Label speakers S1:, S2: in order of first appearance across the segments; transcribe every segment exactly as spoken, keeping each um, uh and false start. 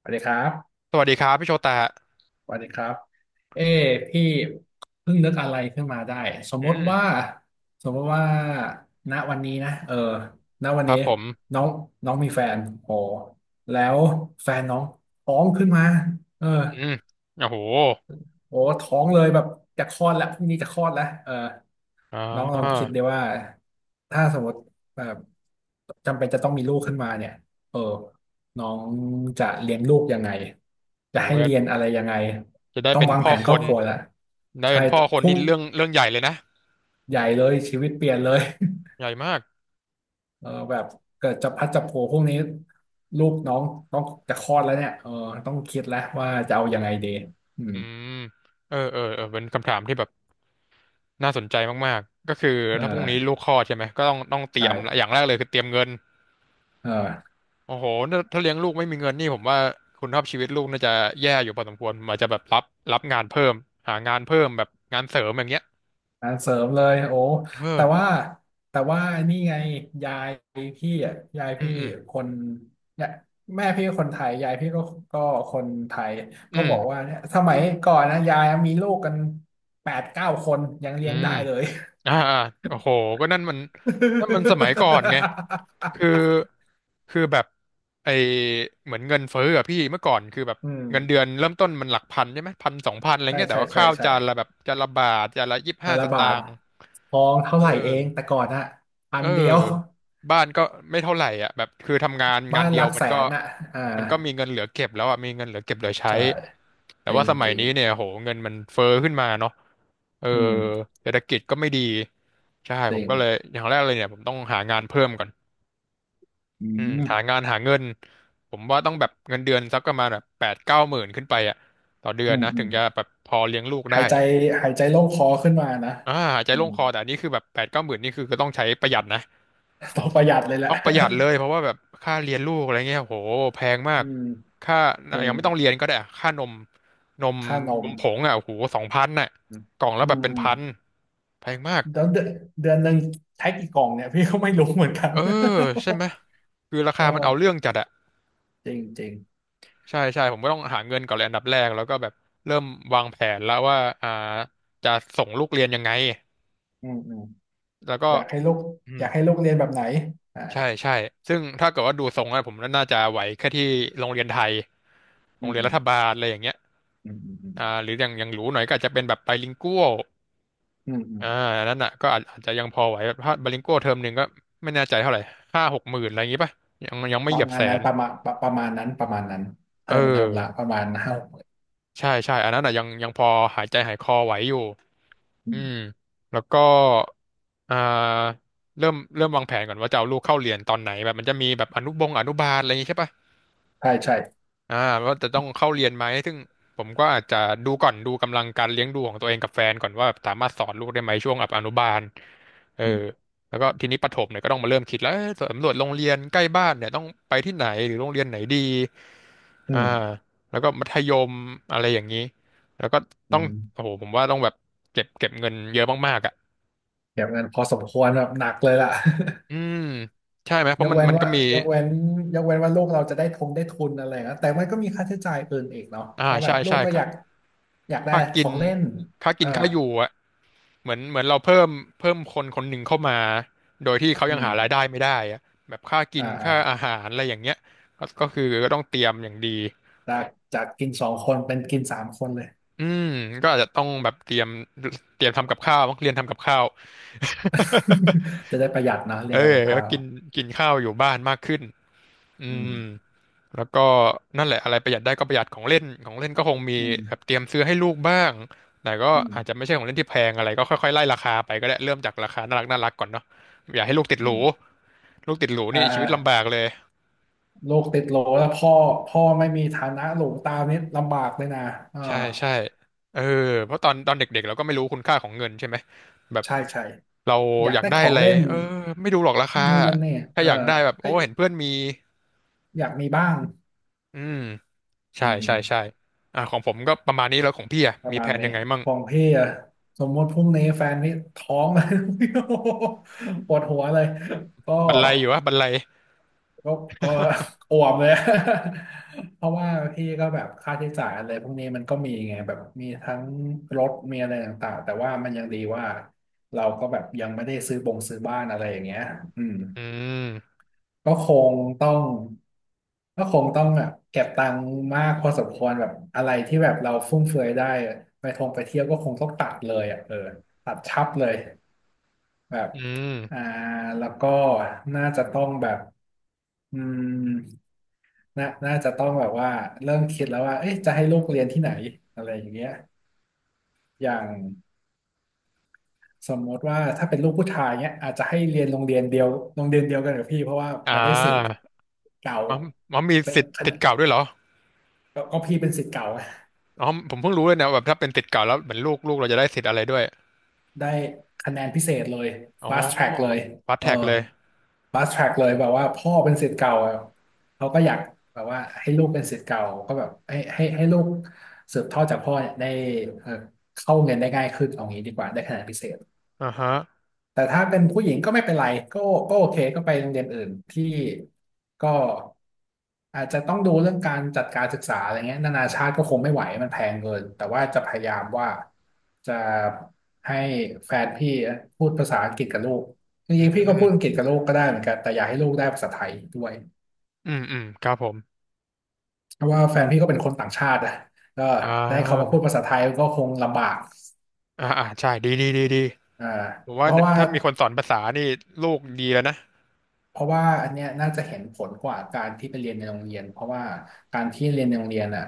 S1: สวัสดีครับ
S2: สวัสดีครับพี่โชตะ
S1: สวัสดีครับ เอ้พี่เพิ่งนึกอะไรขึ้นมาได้ สม
S2: อื
S1: มติ
S2: ม
S1: ว่า สมมติว่าณวันนี้นะเออณวั
S2: ค
S1: น
S2: รั
S1: นี้
S2: บผม
S1: น้องน้องมีแฟนโอ้แล้วแฟนน้องท้องขึ้นมาเออ
S2: อืมโอ้โห
S1: โอ้ท้องเลยแบบจะคลอดแล้วพรุ่งนี้จะคลอดแล้วเออ
S2: อ่
S1: น้องลองคิ
S2: า
S1: ดดีว่าถ้าสมมติแบบจำเป็นจะต้องมีลูกขึ้นมาเนี่ยเออน้องจะเลี้ยงลูกยังไงจะ
S2: โอ้
S1: ให้
S2: โห
S1: เรียนอะไรยังไง
S2: จะได้
S1: ต้อง
S2: เป็น
S1: วาง
S2: พ่
S1: แผ
S2: อ
S1: น
S2: ค
S1: ครอบ
S2: น
S1: ครัวละ
S2: ได้
S1: ใช่
S2: เป็นพ่อคน
S1: พุ่
S2: นี่
S1: ง
S2: เรื่องเรื่องใหญ่เลยนะ
S1: ใหญ่เลยชีวิตเปลี่ยนเลย
S2: ใหญ่มาก
S1: เออแบบเกิดจะพัดจะโผพรกนี้ลูกน้องต้องจะคลอดแล้วเนี่ยเออต้องคิดแล้วว่าจะเอายังไงดีอืม
S2: อืมเออเออเออเป็นคำถามที่แบบน่าสนใจมากๆก็คือ
S1: เออ
S2: ถ้าพรุ่งนี้ลูกคลอดใช่ไหมก็ต้องต้องเตรียม
S1: ใช่
S2: อย่างแรกเลยคือเตรียมเงิน
S1: เออ
S2: โอ้โหถ้าถ้าเลี้ยงลูกไม่มีเงินนี่ผมว่าคุณภาพชีวิตลูกน่าจะแย่อยู่พอสมควรผมอาจจะแบบรับรับงานเพิ่มหางานเพิ่มแบบงานเสริมอย่างเงี้ย
S1: งาเสริมเลยโอ้
S2: เออ
S1: แต่ว่าแต่ว่านี่ไงยายพี่อ่ะยาย
S2: อื
S1: พี่
S2: มอืม
S1: คนเนี่ยแม่พี่คนไทยยายพี่ก็ก็คนไทยก็
S2: อืม
S1: บอกว่าเนี่ยสมัยก่อนนะยายมีลูกกันแปดเก้าคนยัง
S2: อื
S1: เลี้ยง
S2: ม
S1: ได้เลย
S2: อ่าอ่าโอ้โหก็นั่นมันนั่นมันสมัยก่อนไงคือ คือแบบไอเหมือนเงินเฟ้ออะพี่เมื่อก่อนคือแบบ
S1: อืม
S2: เงินเดือนเริ่มต้นมันหลักพันใช่ไหมพันสองพันอะไร
S1: ใช่
S2: เงี้ยแต่
S1: ใช่
S2: ว่า
S1: ใช่
S2: ข้าว
S1: ใช่
S2: จานละแบบจานละบาทจานละยี่สิบ
S1: แต่
S2: ห้าส
S1: ละบา
S2: ตา
S1: ท
S2: งค์
S1: ทองเท่า
S2: เออ
S1: ไหร่เองแต่ก่อนอะพั
S2: เออ
S1: นเดียว
S2: บ้านก็ไม่เท่าไหร่อ่ะแบบคือทำงาน
S1: บ้า
S2: งาน
S1: น
S2: เดี
S1: ห
S2: ย
S1: ลั
S2: ว
S1: ก
S2: มั
S1: แส
S2: นก็
S1: นอะอ่า
S2: มันก็มีเงินเหลือเก็บแล้วอ่ะมีเงินเหลือเก็บเหลือใช้
S1: ใช่
S2: แต่
S1: จริ
S2: ว่า
S1: ง
S2: ส
S1: จ
S2: มัย
S1: ริง
S2: นี้เนี่ยโหเงินมันเฟ้อขึ้นมาเนาะ เออ
S1: อืม
S2: เศรษฐกิจก็ไม่ดีใช่
S1: จ
S2: ผ
S1: ริ
S2: ม
S1: ง
S2: ก็เลยอย่างแรกเลยเนี่ยผมต้องหางานเพิ่มก่อน
S1: อื
S2: อืมหา
S1: ม
S2: งานหาเงินผมว่าต้องแบบเงินเดือนสักประมาณแบบแปดเก้าหมื่นขึ้นไปอ่ะต่อเดือ
S1: อื
S2: น
S1: ม
S2: นะ
S1: อื
S2: ถึ
S1: ม
S2: งจะแบบพอเลี้ยงลูกได้
S1: หายใจหายใจโล่งคอขึ้นมานะ
S2: อ่าหายใจ
S1: อื
S2: โล่ง
S1: ม
S2: คอแต่อันนี้คือแบบแปดเก้าหมื่นนี่คือก็ต้องใช้ประหยัดนะ
S1: ต้องประหยัดเลยแห
S2: ต้
S1: ละ
S2: องประหยัดเลยเพราะ ว่าแบบค่าเรียนลูกอะไรเงี้ยโหแพงมา
S1: อื
S2: ก
S1: ม
S2: ค่า
S1: จริ
S2: ยั
S1: ง
S2: งไม่ต้องเรียนก็ได้อะค่านมนม
S1: ค่าน
S2: น
S1: ม
S2: มผงอ่ะโหสองพันน่ะ
S1: อืม
S2: กล่องละ
S1: อื
S2: แบบ
S1: ม
S2: เป็น
S1: อืม
S2: พันแพงมาก
S1: แล้วเดือนเดือนหนึ่งใช้กี่กล่องเนี่ยพี่ก็ไม่รู้เหมือนกัน
S2: เออใช่ไหมคือรา คา
S1: เอ
S2: มัน
S1: อ
S2: เอาเรื่องจัดอะ
S1: จริงจริง
S2: ใช่ใช่ผมก็ต้องหาเงินก่อนเลยอันดับแรกแล้วก็แบบเริ่มวางแผนแล้วว่าอ่าจะส่งลูกเรียนยังไง
S1: อืมอืม
S2: แล้วก็
S1: อยากให้ลูก
S2: อื
S1: อ
S2: ม
S1: ยากให้ลูกเรียนแบบไหนอ่า
S2: ใช่ใช่ซึ่งถ้าเกิดว่าดูทรงแล้วผมน่าจะไหวแค่ที่โรงเรียนไทยโร
S1: อื
S2: ง
S1: ม
S2: เรียน
S1: อื
S2: รั
S1: ม
S2: ฐบาลอะไรอย่างเงี้ย
S1: อืมอืมอืม
S2: อ่าหรืออย่างอย่างหรูหน่อยก็อาจจะเป็นแบบไบลิงกัวล
S1: อืมอืม
S2: อ่าอันนั้นอ่ะก็อาจอาจจะยังพอไหวแบบถ้าไบลิงกัวลเทอมหนึ่งก็ไม่แน่ใจเท่าไหร่ห้าหกหมื่นอะไรอย่างงี้ป่ะยังยังไม่
S1: ป
S2: เหยี
S1: ระ
S2: ยบ
S1: มา
S2: แส
S1: ณนั้น
S2: น
S1: ประมาณประประมาณนั้นประมาณนั้นเท
S2: เออ
S1: อมเทอมละประมาณห้าหก
S2: ใช่ใช่อันนั้นอ่ะยังยังพอหายใจหายคอไหวอยู่
S1: อื
S2: อืม
S1: ม
S2: แล้วก็อ่าเริ่มเริ่มวางแผนก่อนว่าจะเอาลูกเข้าเรียนตอนไหนแบบมันจะมีแบบอนุบงอนุบาลอะไรอย่างงี้ใช่ปะ
S1: ใช่ใช่
S2: อ่าว่าจะต้องเข้าเรียนไหมซึ่งผมก็อาจจะดูก่อนดูกำลังการเลี้ยงดูของตัวเองกับแฟนก่อนว่าสามารถสอนลูกได้ไหมช่วงแบบอนุบาลเออ
S1: อืม
S2: แล้วก็ทีนี้ประถมเนี่ยก็ต้องมาเริ่มคิดแล้วเอ้ยสำรวจโรงเรียนใกล้บ้านเนี่ยต้องไปที่ไหนหรือโรงเรียนไหนดี
S1: อื
S2: อ่า
S1: ม
S2: แล้วก็มัธยมอะไรอย่างนี้แล้วก็
S1: อื
S2: ต้องโอ้
S1: ม
S2: โหผมว่าต้องแบบเก็บเก็บเงินเยอะมากๆอ่ะ
S1: เก็บเงินพอสมควรแบบหนักเลยล่ะ
S2: อืมใช่ไหมเพ
S1: ย
S2: ราะ
S1: ก
S2: มัน
S1: เว้น
S2: มันก็
S1: ว่า
S2: มี
S1: ยกเว้นยกเว้นว่าลูกเราจะได้ทงได้ทุนอะไรนะแต่มันก็มีค่าใช้จ่ายอื่นอีกเนาะเพ
S2: อ่า
S1: ราะแบ
S2: ใช่
S1: บลู
S2: ใช่
S1: กก็อ
S2: ค่า
S1: ยากอยากได้
S2: ค่า
S1: ข
S2: กิ
S1: อ
S2: น
S1: งเล่น
S2: ค่า
S1: เอ
S2: กิ
S1: อ
S2: นค่าอยู่อ่ะ เหมือนเหมือนเราเพิ่มเพิ่มคนคนหนึ่งเข้ามาโดยที่เขา
S1: อื
S2: ยัง
S1: ม
S2: หารายได้ไม่ได้อะแบบค่ากิ
S1: อ่า
S2: น
S1: อ่า
S2: ค่าอาหารอะไรอย่างเงี้ยก็ก็คือก็ต้องเตรียมอย่างดี
S1: จากจากกินสองคนเป็นกินสามคนเลย
S2: อืมก็อาจจะต้องแบบเตรียมเตรียมทำกับข้าวต้องเรียนทำกับข้าว
S1: จะได้ประหยัดนะเรี
S2: เอ
S1: ย
S2: อ
S1: นทำกับ
S2: ก็
S1: ข้าว
S2: กินกินข้าวอยู่บ้านมากขึ้นอื
S1: อื
S2: ม
S1: ม
S2: แล้วก็นั่นแหละอะไรประหยัดได้ก็ประหยัดของเล่นของเล่นก็คงมี
S1: อื
S2: แบบ
S1: ม
S2: เตรียมซื้อให้ลูกบ้างแต่ก็
S1: อื
S2: อาจจะ
S1: ม
S2: ไม่ใช่ของเล่นที่แพงอะไรก็ค่อยๆไล่ราคาไปก็ได้เริ่มจากราคาน่ารักน่ารักก่อนเนาะอย่าให้ลูกติดห
S1: อื
S2: รู
S1: ม
S2: ลูกติดหรู
S1: อ่า
S2: นี่ชี
S1: อ่า
S2: วิตลำบากเลย
S1: ลูกติดโหลแล้วพ่อพ่อไม่มีฐานะหลวงตามนี่ลำบากเลยนะอ่า
S2: ใช่ใช่เออเพราะตอนตอนเด็กๆเราก็ไม่รู้คุณค่าของเงินใช่ไหมแบบ
S1: ใช่ใช่
S2: เรา
S1: อยา
S2: อ
S1: ก
S2: ยาก
S1: ได้
S2: ได้
S1: ขอ
S2: อะ
S1: ง
S2: ไร
S1: เล่น
S2: เออไม่ดูหรอกราคา
S1: นู่นนั่นเนี่ย
S2: ถ้า
S1: เออ
S2: อยากได้แบบโอ้
S1: ก็
S2: เห็นเพื่อนมี
S1: อยากมีบ้าง
S2: อืม
S1: อื
S2: ใช่
S1: ม
S2: ใช่ใช่อ่าของผมก็ประมาณนี้แล้วของพี่อ่ะ
S1: ประ
S2: มี
S1: มา
S2: แผ
S1: ณ
S2: น
S1: นี้
S2: ยังไงมั่ง
S1: ของพี่อะสมมติพรุ่งนี้แฟนนี่ท้อง เลย โอ้โหปวดหัวเลยก็
S2: บันไลอยู่วะบันไล
S1: ก็ก็อ่วมเลย เพราะว่าพี่ก็แบบค่าใช้จ่ายอะไรพวกนี้มันก็มีไงแบบมีทั้งรถมีอะไรต่างๆแต่ว่ามันยังดีว่าเราก็แบบยังไม่ได้ซื้อบงซื้อบ้านอะไรอย่างเงี้ยอืม
S2: อืม
S1: ก็คงต้องก็คงต้องแบบเก็บตังค์มากพอสมควรแบบอะไรที่แบบเราฟุ่มเฟือยได้อะไปท่องไปเที่ยวก็คงต้องตัดเลยอ่ะเออตัดชับเลยแบบ
S2: อืม
S1: อ่าแล้วก็น่าจะต้องแบบอืมน่าน่าจะต้องแบบว่าเริ่มคิดแล้วว่าเอ๊ะจะให้ลูกเรียนที่ไหนอะไรอย่างเงี้ยอย่างสมมติว่าถ้าเป็นลูกผู้ชายเนี้ยอาจจะให้เรียนโรงเรียนเดียวโรงเรียนเดียวกันกับพี่เพราะว่า
S2: อ่
S1: มันได้สิทธิ์
S2: า
S1: เก่า
S2: มันมันมี
S1: เป
S2: สิทธิ์
S1: ็น
S2: ติดเก่าด้วยเหรอ
S1: ก็ก็พี่เป็นศิษย์เก่าไง
S2: อ๋อผมเพิ่งรู้เลยนะแบบถ้าเป็นติดเก่าแล้วเหมือนลูกลูกเราจะได้สิทธิ์อะไรด้วย
S1: ได้คะแนนพิเศษเลย
S2: อ๋อ
S1: fast track เลย
S2: ฟาส
S1: เออ
S2: แท็กเลย
S1: fast track เลยแบบว่าพ่อเป็นศิษย์เก่าอะเขาก็อยากแบบว่าให้ลูกเป็นศิษย์เก่าก็แบบให้ให้ให้ลูกสืบทอดจากพ่อเนี่ยได้เออเข้าเรียนได้ง่ายขึ้นเอางี้ดีกว่าได้คะแนนพิเศษ
S2: อ่าฮะ
S1: แต่ถ้าเป็นผู้หญิงก็ไม่เป็นไรก็ก็โอเคก็ไปโรงเรียนอื่นที่ก็อาจจะต้องดูเรื่องการจัดการศึกษาอะไรเงี้ยนานาชาติก็คงไม่ไหวมันแพงเกินแต่ว่าจะพยายามว่าจะให้แฟนพี่พูดภาษาอังกฤษกับลูกจ
S2: อื
S1: ริงๆพี่ก็
S2: ม
S1: พูดอังกฤษกับลูกก็ได้เหมือนกันแต่อยากให้ลูกได้ภาษาไทยด้วย
S2: อืมอืมครับผม
S1: เพราะว่าแฟนพี่ก็เป็นคนต่างชาติอะก็
S2: อ่
S1: ได้เขามาพู
S2: า
S1: ดภาษาไทยก็คงลำบาก
S2: อ่าอ่าใช่ดีดีดีดี
S1: อ่า
S2: ผม
S1: เพ
S2: ว่า
S1: ราะว่า
S2: ถ้ามีคนสอนภาษานี่ลูกดีแล้วนะ
S1: เพราะว่าอันเนี้ยน่าจะเห็นผลกว่าการที่ไปเรียนในโรงเรียนเพราะว่าการที่เรียนในโรงเรียนอ่ะ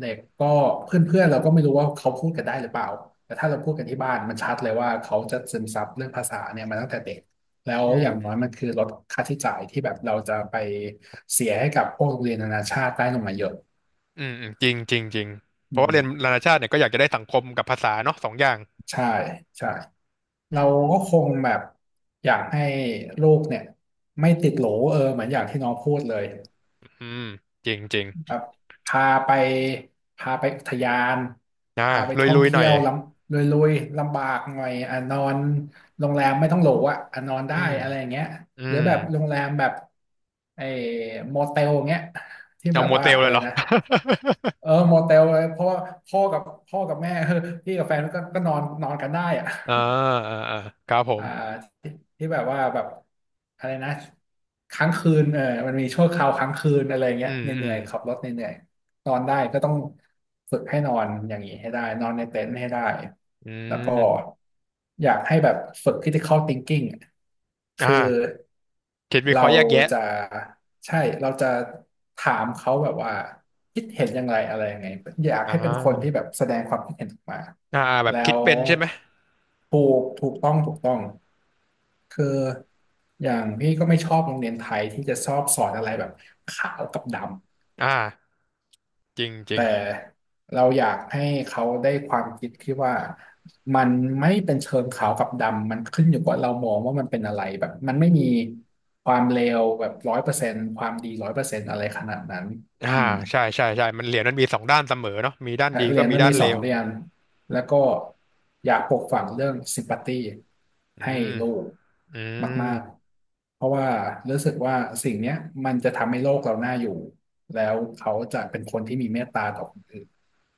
S1: เด็กก็เพื่อนๆเราก็ไม่รู้ว่าเขาพูดกันได้หรือเปล่าแต่ถ้าเราพูดกันที่บ้านมันชัดเลยว่าเขาจะซึมซับเรื่องภาษาเนี่ยมาตั้งแต่เด็กแล้ว
S2: อื
S1: อย่า
S2: ม
S1: งน้อยมันคือลดค่าใช้จ่ายที่แบบเราจะไปเสียให้กับพวกโรงเรียนนานาชาติได้ลงมาเยอะ
S2: อืมอืมจริงจริงจริงเพ
S1: อื
S2: ราะว่าเรียน
S1: ม
S2: นานาชาติเนี่ยก็อยากจะได้สังคมกับภาษาเนาะสองอย่าง
S1: ใช่ใช่
S2: อื
S1: เราก็ค
S2: ม
S1: งแบบอยากให้ลูกเนี่ยไม่ติดโหลเออเหมือนอย่างที่น้องพูดเลย
S2: อืมจริงจริง
S1: แบบพาไปพาไปอุทยาน
S2: อ่า
S1: พาไป
S2: ลุย
S1: ท่อ
S2: ลุ
S1: ง
S2: ยหน่
S1: เที่
S2: อย
S1: ยวลำลุยๆลำบากหน่อยอ่ะนอนโรงแรมไม่ต้องหรูอ่ะอ่ะนอน
S2: อื
S1: ได้
S2: ม
S1: อะไรอย่างเงี้ย
S2: อื
S1: หรือ
S2: ม
S1: แบบโรงแรมแบบไอ้โมเตลเงี้ยที่
S2: เอา
S1: แบบ
S2: โม
S1: ว่า
S2: เตลเล
S1: อะ
S2: ย
S1: ไร
S2: เหรอ
S1: นะ เออโมเตลเลยเพราะว่าพ่อกับพ่อกับแม่ เออพี่กับแฟนก็ก็นอนนอนกันได้อ่ะ
S2: อ่าอ่าอ่าครับผม
S1: อ่าที่ที่แบบว่าแบบอะไรนะค้างคืนเออมันมีชั่วคราวค้างคืนอะไร
S2: อื
S1: เงี้ย
S2: ม
S1: เห
S2: อื
S1: นื่
S2: ม
S1: อยๆขับรถเหนื่อยๆ นอนได้ก็ต้องฝึกให้นอนอย่างนี้ให้ได้นอนในเต็นท์ให้ได้
S2: อื
S1: แล้วก็
S2: ม
S1: อยากให้แบบฝึก critical thinking อะคือ
S2: อ่าคิดวิเค
S1: เรา
S2: ราะห์แยกแยะ
S1: จะใช่เราจะถามเขาแบบว่าคิดเห็นยังไงอะไรยังไงอยาก
S2: อ่
S1: ให้เป็นคนที่
S2: า
S1: แบบแสดงความคิดเห็นออกมา
S2: อ่าแบบ
S1: แล้
S2: คิด
S1: ว
S2: เป็นใช่ไหม
S1: ถูกถูกต้องถูกต้องคืออย่างพี่ก็ไม่ชอบโรงเรียนไทยที่จะชอบสอนอะไรแบบขาวกับดำ
S2: อ่าจริงจริง
S1: แต่เราอยากให้เขาได้ความคิดที่ว่ามันไม่เป็นเชิงขาวกับดำมันขึ้นอยู่กับเรามองว่ามันเป็นอะไรแบบมันไม่มีความเลวแบบร้อยเปอร์เซนต์ความดีร้อยเปอร์เซนต์อะไรขนาดนั้น
S2: อ่า
S1: อืม
S2: ใช่ใช่ใช่มันเหรียญมันมีสองด้านเสมอเนาะมีด้านดี
S1: เห
S2: ก็
S1: รียญ
S2: มี
S1: มัน
S2: ด้าน
S1: มี
S2: เล
S1: สอง
S2: ว
S1: เหรียญแล้วก็อยากปลูกฝังเรื่องซิมพัตตี
S2: อื
S1: ให้
S2: ม
S1: ลูก
S2: อืม
S1: มากๆเพราะว่ารู้สึกว่าสิ่งเนี้ยมันจะทำให้โลกเราน่าอยู่แล้วเขาจะเป็นคนที่มีเมตตาต่อคนอื่น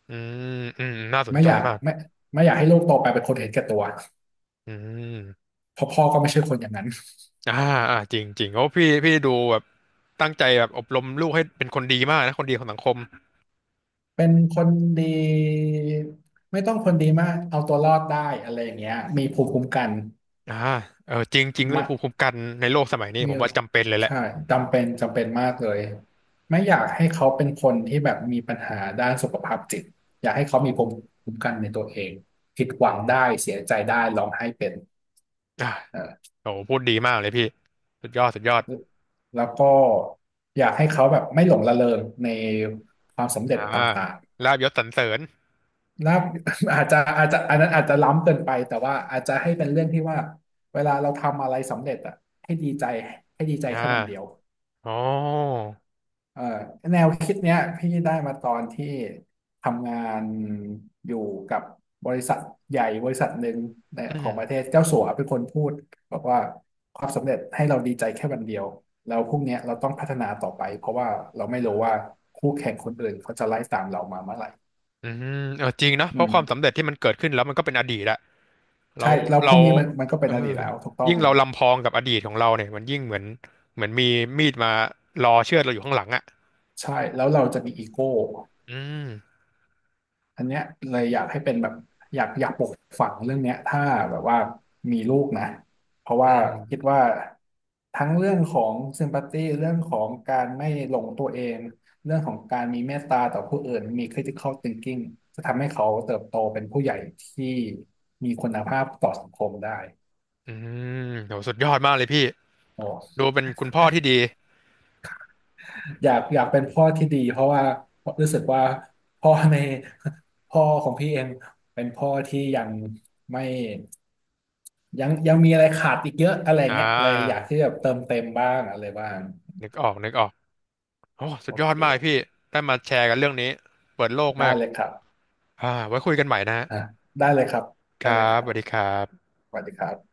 S2: อืมอืมน่าสน
S1: ไม่
S2: ใจ
S1: อยาก
S2: มาก
S1: ไม่ไม่อยากให้ลูกโตไปเป็นคนเห็นแก่ตัว
S2: อืม
S1: เพราะพ่อก็ไม่ใช่คนอย่างนั้น
S2: อ่าอ่าจริงจริงโอ้พี่พี่ดูแบบตั้งใจแบบอบรมลูกให้เป็นคนดีมากนะคนดีของสังคม
S1: เป็นคนดีไม่ต้องคนดีมากเอาตัวรอดได้อะไรอย่างเงี้ยมีภูมิคุ้มกัน
S2: อ่าเออจริงจริงเรื่อ
S1: มะ
S2: งภูมิคุ้มกันในโลกสมัยนี้
S1: มี
S2: ผมว่าจำเป็นเลยแหละ
S1: ใช่จำเป็นจำเป็นมากเลยไม่อยากให้เขาเป็นคนที่แบบมีปัญหาด้านสุขภาพจิตอยากให้เขามีภูมิคุ้มกันในตัวเองผิดห
S2: อื
S1: วังได้เสียใจ
S2: ม
S1: ได้ร้องไห้เป็น
S2: อ่า
S1: เออ
S2: โอ้พูดดีมากเลยพี่สุดยอดสุดยอด
S1: แล้วก็อยากให้เขาแบบไม่หลงระเริงในความสำเร็
S2: อ่า
S1: จต่าง
S2: ลาบยศสรรเสริญ
S1: ลา อาจจะอาจจะอันนั้นอาจจะล้ำเกินไปแต่ว่าอาจจะให้เป็นเรื่องที่ว่าเวลาเราทำอะไรสำเร็จอ่ะให้ดีใจให้ดีใจ
S2: อ่
S1: แค่วันเดียว
S2: าอ๋อ
S1: เออแนวคิดเนี้ยพี่ได้มาตอนที่ทำงานอยู่กับบริษัทใหญ่บริษัทหนึ่งใน
S2: อื
S1: ของประเท
S2: ม
S1: ศเจ้าสัวเป็นคนพูดบอกว่าความสำเร็จให้เราดีใจแค่วันเดียวแล้วพรุ่งเนี้ยเราต้องพัฒนาต่อไปเพราะว่าเราไม่รู้ว่าคู่แข่งคนอื่นเขาจะไล่ตามเรามาเมื่อไหร่
S2: อืมเออจริงนะเพราะความสำเร็จที่มันเกิดขึ้นแล้วมันก็เป็นอดีตละเรา
S1: ใช่แล้วพ
S2: เรา
S1: วกนี้มันมันก็เป็
S2: เอ
S1: น
S2: อ
S1: อดีตแล้วถูกต้อ
S2: ยิ่
S1: ง
S2: งเราลำพองกับอดีตของเราเนี่ยมันยิ่งเหมือนเหมือนมีมีดมารอเชือดเราอยู่ข้างหลังอ่ะ
S1: ใช่แล้วเราจะมีอีโก้
S2: อืม
S1: อันเนี้ยเลยอยากให้เป็นแบบอยากอยากปลูกฝังเรื่องเนี้ยถ้าแบบว่ามีลูกนะเพราะ
S2: อื
S1: ว่าคิด
S2: ม
S1: ว่าทั้งเรื่องของซิมพัตตีเรื่องของการไม่หลงตัวเองเรื่องของการมีเมตตาต่อผู้อื่นมี critical thinking จะทำให้เขาเติบโตเป็นผู้ใหญ่ที่มีคุณภาพต่อสังคมได้
S2: อืมโหสุดยอดมากเลยพี่
S1: โอ
S2: ดู
S1: ้
S2: เป็นคุณพ่อที่ดี
S1: อยากอยากเป็นพ่อที่ดีเพราะว่ารู้สึกว่าพ่อในพ่อของพี่เองเป็นพ่อที่ยังไม่ยังยังมีอะไรขาดอีกเยอะอะไร
S2: อ่
S1: เงี้ยเลยอ
S2: า
S1: ยากที่จะเติมเต็มบ้างอะไรบ้าง
S2: นึกออกนึกออกโอ้สุ
S1: โอ
S2: ดยอดมากเลยพี่
S1: เค
S2: ได้มาแชร์กันเรื่องนี้เปิดโลกมา
S1: ได้
S2: ก
S1: เลยครับ
S2: อ่าไว้คุยกันใหม่นะฮะ
S1: อ่ะได้เลยครับ
S2: ค
S1: ได้
S2: รั
S1: เลยค
S2: บ
S1: รั
S2: ส
S1: บ
S2: วัสดีครับ
S1: สวัสดีครับ